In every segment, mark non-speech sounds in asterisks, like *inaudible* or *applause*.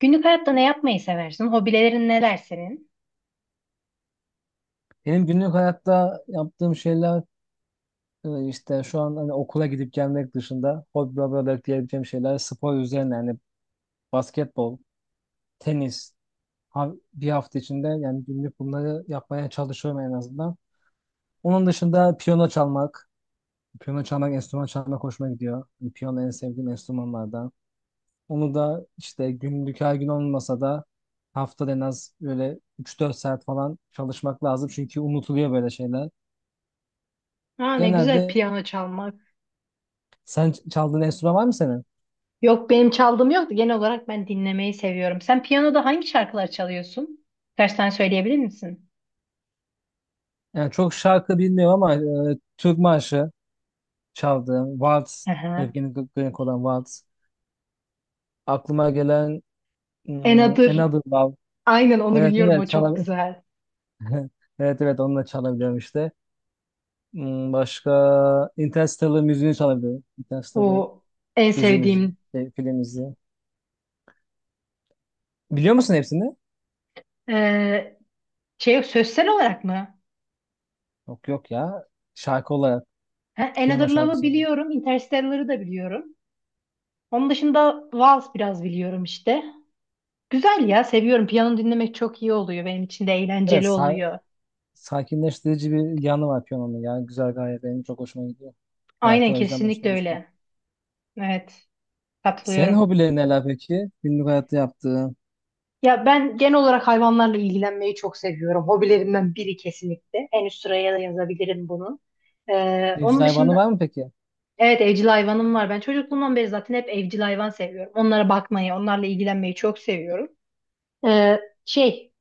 Günlük hayatta ne yapmayı seversin? Hobilerin neler senin? Benim günlük hayatta yaptığım şeyler, işte şu an, hani, okula gidip gelmek dışında hobi olarak diyebileceğim şeyler spor üzerine. Yani basketbol, tenis, bir hafta içinde, yani günlük, bunları yapmaya çalışıyorum en azından. Onun dışında piyano çalmak, enstrüman çalmak hoşuma gidiyor. Yani piyano en sevdiğim enstrümanlardan. Onu da işte, günlük her gün olmasa da, haftada en az böyle üç dört saat falan çalışmak lazım, çünkü unutuluyor böyle şeyler. Ha ne güzel Genelde piyano çalmak. sen çaldığın enstrüman var mı senin? Yok benim çaldığım yok da genel olarak ben dinlemeyi seviyorum. Sen piyanoda hangi şarkılar çalıyorsun? Birkaç tane söyleyebilir misin? Yani çok şarkı bilmiyorum ama Türk marşı çaldığım, Waltz, Aha. Evgeni Grenk olan Waltz. Aklıma gelen Enadır. Another Love. Aynen onu Evet, biliyorum, o evet, çok güzel. *laughs* Evet, evet, onu da çalabiliyorum işte. Başka Interstellar müziğini çalabiliyorum. Interstellar O en dizi müziği, sevdiğim. şey, film müziği. Biliyor musun hepsini? Ee, Şey, sözsel olarak mı? Yok, yok ya. Şarkı olarak, Ha, Another piyano Love'ı şarkısı olarak. biliyorum, Interstellar'ı da biliyorum. Onun dışında Vals biraz biliyorum işte. Güzel ya, seviyorum. Piyano dinlemek çok iyi oluyor, benim için de eğlenceli Evet, oluyor. sakinleştirici bir yanı var piyanonun. Yani güzel, gayet benim çok hoşuma gidiyor. Zaten Aynen, o yüzden kesinlikle başlamıştım. öyle. Evet, Senin katılıyorum. hobilerin neler peki? Günlük hayatta yaptığın. Ya ben genel olarak hayvanlarla ilgilenmeyi çok seviyorum. Hobilerimden biri kesinlikle. En üst sıraya da yazabilirim bunu. Evcil Onun hayvanı var dışında mı peki? evet evcil hayvanım var. Ben çocukluğumdan beri zaten hep evcil hayvan seviyorum. Onlara bakmayı, onlarla ilgilenmeyi çok seviyorum. Ee, şey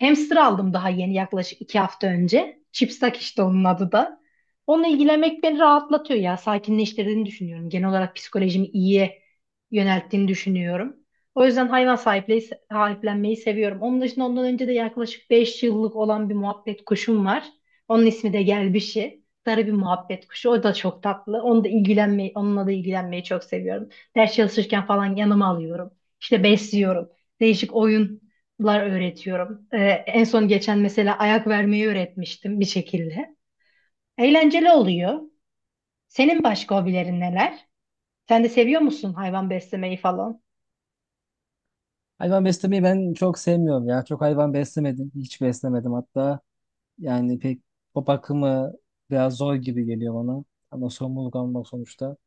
Hamster aldım daha yeni, yaklaşık 2 hafta önce. Chipsak işte onun adı da. Onunla ilgilenmek beni rahatlatıyor ya. Sakinleştirdiğini düşünüyorum. Genel olarak psikolojimi iyiye yönelttiğini düşünüyorum. O yüzden hayvan sahipliği, sahiplenmeyi seviyorum. Onun dışında, ondan önce de yaklaşık 5 yıllık olan bir muhabbet kuşum var. Onun ismi de Gelbişi. Sarı bir muhabbet kuşu. O da çok tatlı. Onu da ilgilenmeyi, onunla da ilgilenmeyi çok seviyorum. Ders çalışırken falan yanıma alıyorum. İşte besliyorum. Değişik oyun öğretiyorum. En son geçen mesela ayak vermeyi öğretmiştim bir şekilde. Eğlenceli oluyor. Senin başka hobilerin neler? Sen de seviyor musun hayvan beslemeyi falan? Hayvan beslemeyi ben çok sevmiyorum ya. Çok hayvan beslemedim. Hiç beslemedim hatta. Yani pek o bakımı biraz zor gibi geliyor bana. Ama sorumluluk almak sonuçta.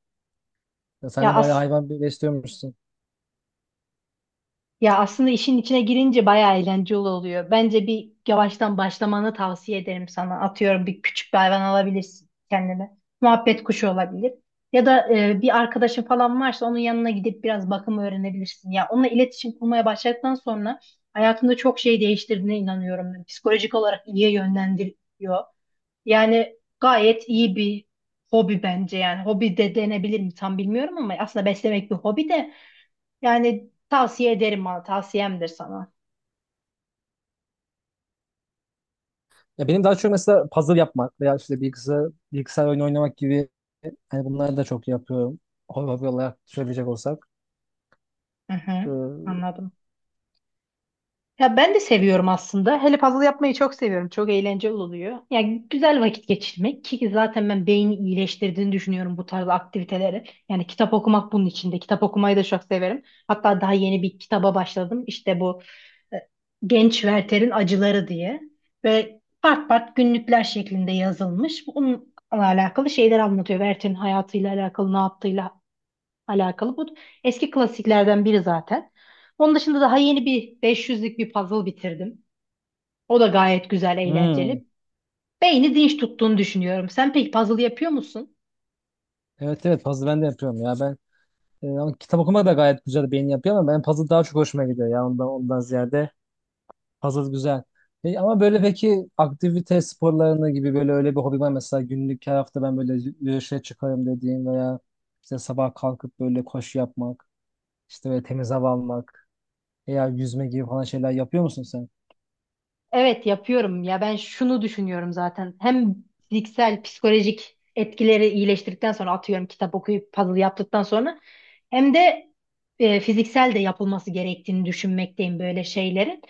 Ya sen Ya de bayağı as hayvan besliyormuşsun. Ya aslında işin içine girince bayağı eğlenceli oluyor. Bence bir yavaştan başlamanı tavsiye ederim sana. Atıyorum, bir küçük bir hayvan alabilirsin kendine. Muhabbet kuşu olabilir. Ya da bir arkadaşın falan varsa onun yanına gidip biraz bakım öğrenebilirsin. Ya onunla iletişim kurmaya başladıktan sonra hayatında çok şey değiştirdiğine inanıyorum ben. Psikolojik olarak iyiye yönlendiriyor. Yani gayet iyi bir hobi bence yani. Hobi de denebilir mi tam bilmiyorum ama aslında beslemek bir hobi de. Yani tavsiye ederim bana, tavsiyemdir sana. Ya benim daha çok mesela puzzle yapmak veya işte bilgisayar, bilgisayar oyunu oynamak gibi, hani bunları da çok yapıyorum. Hobi olarak söyleyecek olsak. Hı hı, Ee, anladım. Ya ben de seviyorum aslında. Hele puzzle yapmayı çok seviyorum. Çok eğlenceli oluyor. Yani güzel vakit geçirmek, ki zaten ben beyni iyileştirdiğini düşünüyorum bu tarz aktiviteleri. Yani kitap okumak bunun içinde. Kitap okumayı da çok severim. Hatta daha yeni bir kitaba başladım. İşte bu e, Genç Werther'in Acıları diye. Böyle part part günlükler şeklinde yazılmış. Bununla alakalı şeyler anlatıyor. Werther'in hayatıyla alakalı, ne yaptığıyla alakalı. Bu eski klasiklerden biri zaten. Onun dışında daha yeni bir 500'lük bir puzzle bitirdim. O da gayet güzel, hmm. eğlenceli. Beyni dinç tuttuğunu düşünüyorum. Sen peki puzzle yapıyor musun? Evet, evet, puzzle ben de yapıyorum ya. Ben ama kitap okumak da gayet güzel beyin yapıyor, ama ben puzzle daha çok hoşuma gidiyor ya, ondan ziyade puzzle güzel. Ama böyle, peki aktivite sporlarına gibi böyle öyle bir hobi var mı? Mesela günlük her hafta ben böyle yürüyüşe çıkarım dediğin, veya işte sabah kalkıp böyle koşu yapmak, işte böyle temiz hava almak veya yüzme gibi falan şeyler yapıyor musun sen? Evet yapıyorum ya, ben şunu düşünüyorum zaten. Hem fiziksel, psikolojik etkileri iyileştirdikten sonra, atıyorum kitap okuyup puzzle yaptıktan sonra, hem de fiziksel de yapılması gerektiğini düşünmekteyim böyle şeylerin.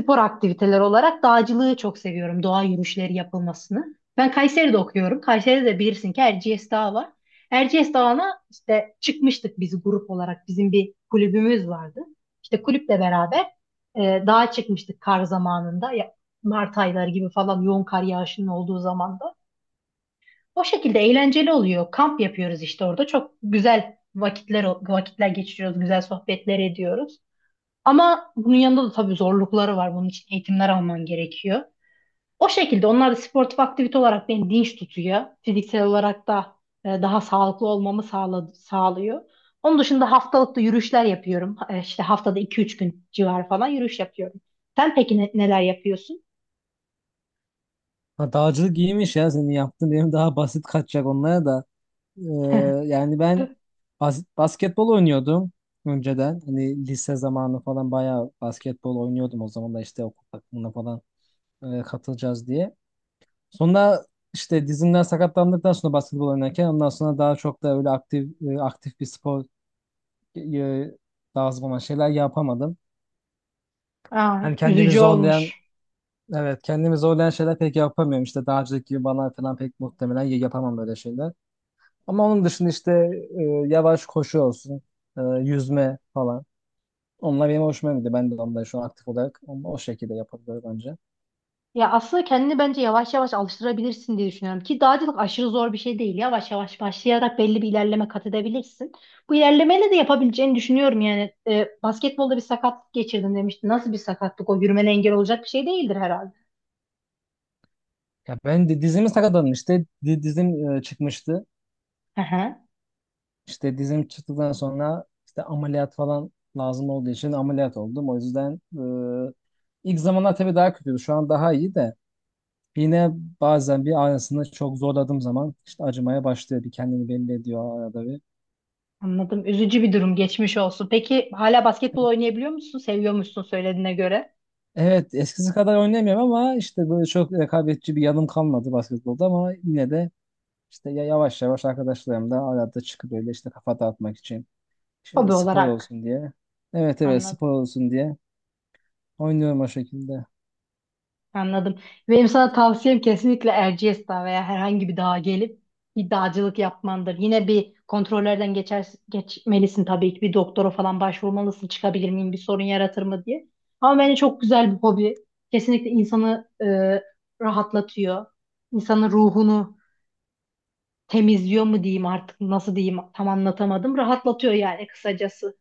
Spor aktiviteler olarak dağcılığı çok seviyorum. Doğa yürüyüşleri yapılmasını. Ben Kayseri'de okuyorum. Kayseri'de de bilirsin ki Erciyes Dağı var. Erciyes Dağı'na işte çıkmıştık biz grup olarak. Bizim bir kulübümüz vardı. İşte kulüple beraber dağa çıkmıştık kar zamanında. Ya, Mart ayları gibi falan yoğun kar yağışının olduğu zamanda. O şekilde eğlenceli oluyor. Kamp yapıyoruz işte orada. Çok güzel vakitler geçiriyoruz. Güzel sohbetler ediyoruz. Ama bunun yanında da tabii zorlukları var. Bunun için eğitimler alman gerekiyor. O şekilde onlar da sportif aktivite olarak beni dinç tutuyor. Fiziksel olarak da daha sağlıklı olmamı sağlıyor. Onun dışında haftalıkta yürüyüşler yapıyorum. İşte haftada 2 3 gün civarı falan yürüyüş yapıyorum. Sen peki neler yapıyorsun? Ha, dağcılık iyiymiş ya senin yaptığın, benim daha basit kaçacak onlara da. Ee, *laughs* Yani ben basketbol oynuyordum önceden. Hani lise zamanı falan bayağı basketbol oynuyordum, o zaman da işte okul takımına falan katılacağız diye. Sonra işte dizimden sakatlandıktan sonra basketbol oynarken ondan sonra daha çok da öyle aktif bir spor e, lazım olan şeyler yapamadım. Aa, Hani kendimi üzücü zorlayan, olmuş. evet, kendimi zorlayan şeyler pek yapamıyorum. İşte dağcılık gibi bana falan pek muhtemelen yapamam böyle şeyler. Ama onun dışında işte e, yavaş koşu olsun, yüzme falan. Onlar benim hoşuma gidiyor. Ben de onları şu an aktif olarak onu o şekilde yapabiliyorum bence. Ya aslında kendini bence yavaş yavaş alıştırabilirsin diye düşünüyorum. Ki dağcılık aşırı zor bir şey değil. Yavaş yavaş başlayarak belli bir ilerleme kat edebilirsin. Bu ilerlemeyle de yapabileceğini düşünüyorum yani. E, basketbolda bir sakatlık geçirdim demiştin. Nasıl bir sakatlık o? Yürümene engel olacak bir şey değildir herhalde. Ya ben de dizimi sakatladım işte. Dizim çıkmıştı. Hı hı. İşte dizim çıktıktan sonra işte ameliyat falan lazım olduğu için ameliyat oldum. O yüzden e, ilk zamanlar tabii daha kötüydü. Şu an daha iyi de yine bazen bir ağrısını çok zorladığım zaman işte acımaya başlıyor. Bir kendini belli ediyor arada bir. Anladım. Üzücü bir durum. Geçmiş olsun. Peki hala basketbol oynayabiliyor musun? Seviyormuşsun söylediğine göre. Evet, eskisi kadar oynayamıyorum, ama işte böyle çok rekabetçi bir yanım kalmadı basketbolda, ama yine de işte yavaş yavaş arkadaşlarımla arada çıkıp böyle, işte kafa dağıtmak için, işte Hobi spor olarak. olsun diye. Evet, evet, Anladım. spor olsun diye oynuyorum o şekilde. Anladım. Benim sana tavsiyem kesinlikle Erciyes Dağı veya herhangi bir dağa gelip bir dağcılık yapmandır. Yine bir kontrollerden geçer, geçmelisin tabii ki. Bir doktora falan başvurmalısın. Çıkabilir miyim? Bir sorun yaratır mı diye. Ama bence çok güzel bir hobi. Kesinlikle insanı rahatlatıyor. İnsanın ruhunu temizliyor mu diyeyim, artık nasıl diyeyim, tam anlatamadım. Rahatlatıyor yani kısacası.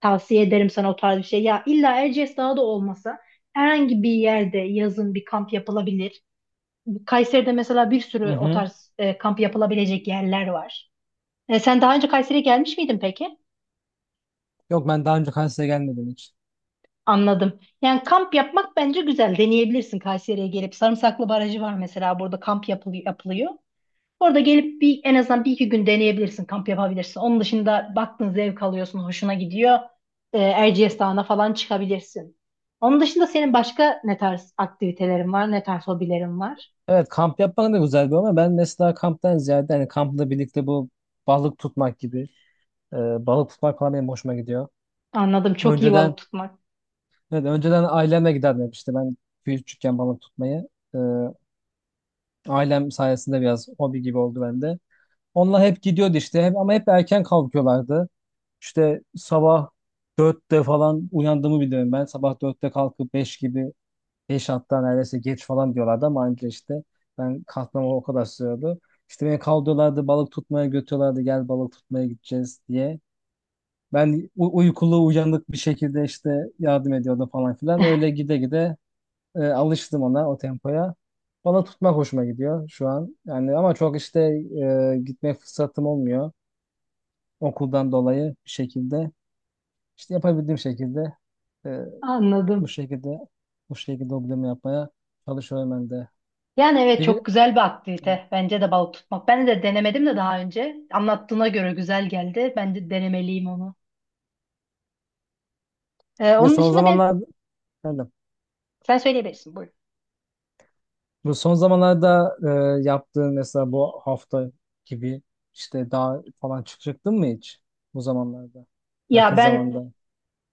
Tavsiye ederim sana o tarz bir şey. Ya illa Erciyes Dağı da olmasa herhangi bir yerde yazın bir kamp yapılabilir. Kayseri'de mesela bir Hı sürü o hı. tarz kamp yapılabilecek yerler var. E, sen daha önce Kayseri'ye gelmiş miydin peki? Yok, ben daha önce Kars'a gelmedim hiç. Anladım. Yani kamp yapmak bence güzel. Deneyebilirsin Kayseri'ye gelip. Sarımsaklı Barajı var mesela, burada kamp yapılıyor, yapılıyor. Orada gelip bir en azından bir iki gün deneyebilirsin, kamp yapabilirsin. Onun dışında baktın zevk alıyorsun, hoşuna gidiyor. E, Erciyes Dağı'na falan çıkabilirsin. Onun dışında senin başka ne tarz aktivitelerin var, ne tarz hobilerin var? Evet, kamp yapmak da güzel bir, ama ben mesela kamptan ziyade, hani kampla birlikte bu balık tutmak gibi, balık tutmak falan benim hoşuma gidiyor. Anladım. Çok iyi balık Önceden, tutmak. evet, önceden ailemle giderdim hep işte, ben küçükken balık tutmayı. E, Ailem sayesinde biraz hobi gibi oldu bende. Onlar hep gidiyordu işte hep, ama hep erken kalkıyorlardı. İşte sabah 4'te falan uyandığımı biliyorum ben. Sabah 4'te kalkıp 5 gibi, 5 hatta neredeyse geç falan diyorlardı, ama anca işte ben kalkmama o kadar sürüyordu. İşte beni kaldırıyorlardı, balık tutmaya götürüyorlardı, gel balık tutmaya gideceğiz diye. Ben uykulu uyanık bir şekilde işte yardım ediyordum falan filan. Öyle gide gide alıştım ona, o tempoya. Bana tutmak hoşuma gidiyor şu an. Yani ama çok işte gitme fırsatım olmuyor. Okuldan dolayı bir şekilde işte yapabildiğim şekilde e, bu Anladım. şekilde bu şekilde hobilerimi yapmaya çalışıyorum ben de. Yani evet Peki, çok güzel bir aktivite. Bence de balık tutmak. Ben de denemedim de daha önce. Anlattığına göre güzel geldi. Ben de denemeliyim onu. Bir Onun son dışında zamanlar, efendim, sen söyleyebilirsin. Buyurun. bu son zamanlarda yaptığın mesela bu hafta gibi, işte daha falan çıktın mı hiç bu zamanlarda? Ya Yakın ben zamanda.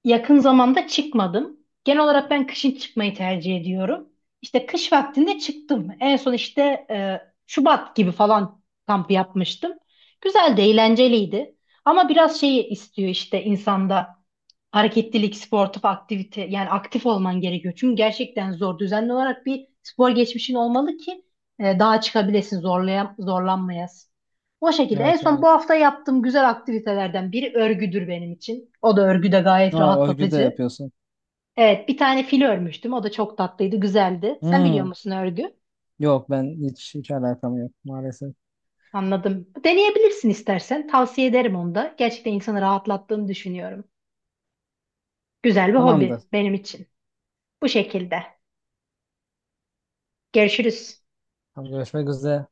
Yakın zamanda çıkmadım. Genel olarak ben kışın çıkmayı tercih ediyorum. İşte kış vaktinde çıktım. En son işte e, Şubat gibi falan kamp yapmıştım. Güzel de eğlenceliydi. Ama biraz şeyi istiyor işte insanda, hareketlilik, sportif aktivite, yani aktif olman gerekiyor. Çünkü gerçekten zor. Düzenli olarak bir spor geçmişin olmalı ki daha çıkabilesin, zorlanmayasın. O şekilde. En Evet, son bu evet. hafta yaptığım güzel aktivitelerden biri örgüdür benim için. O da, örgü de gayet Aa, örgü de rahatlatıcı. yapıyorsun. Evet, bir tane fil örmüştüm. O da çok tatlıydı, güzeldi. Sen biliyor Hmm. musun örgü? Yok, ben hiç hiç alakam yok maalesef. Anladım. Deneyebilirsin istersen. Tavsiye ederim onu da. Gerçekten insanı rahatlattığını düşünüyorum. Güzel bir Tamamdır. hobi benim için. Bu şekilde. Görüşürüz. Tamam, görüşmek üzere.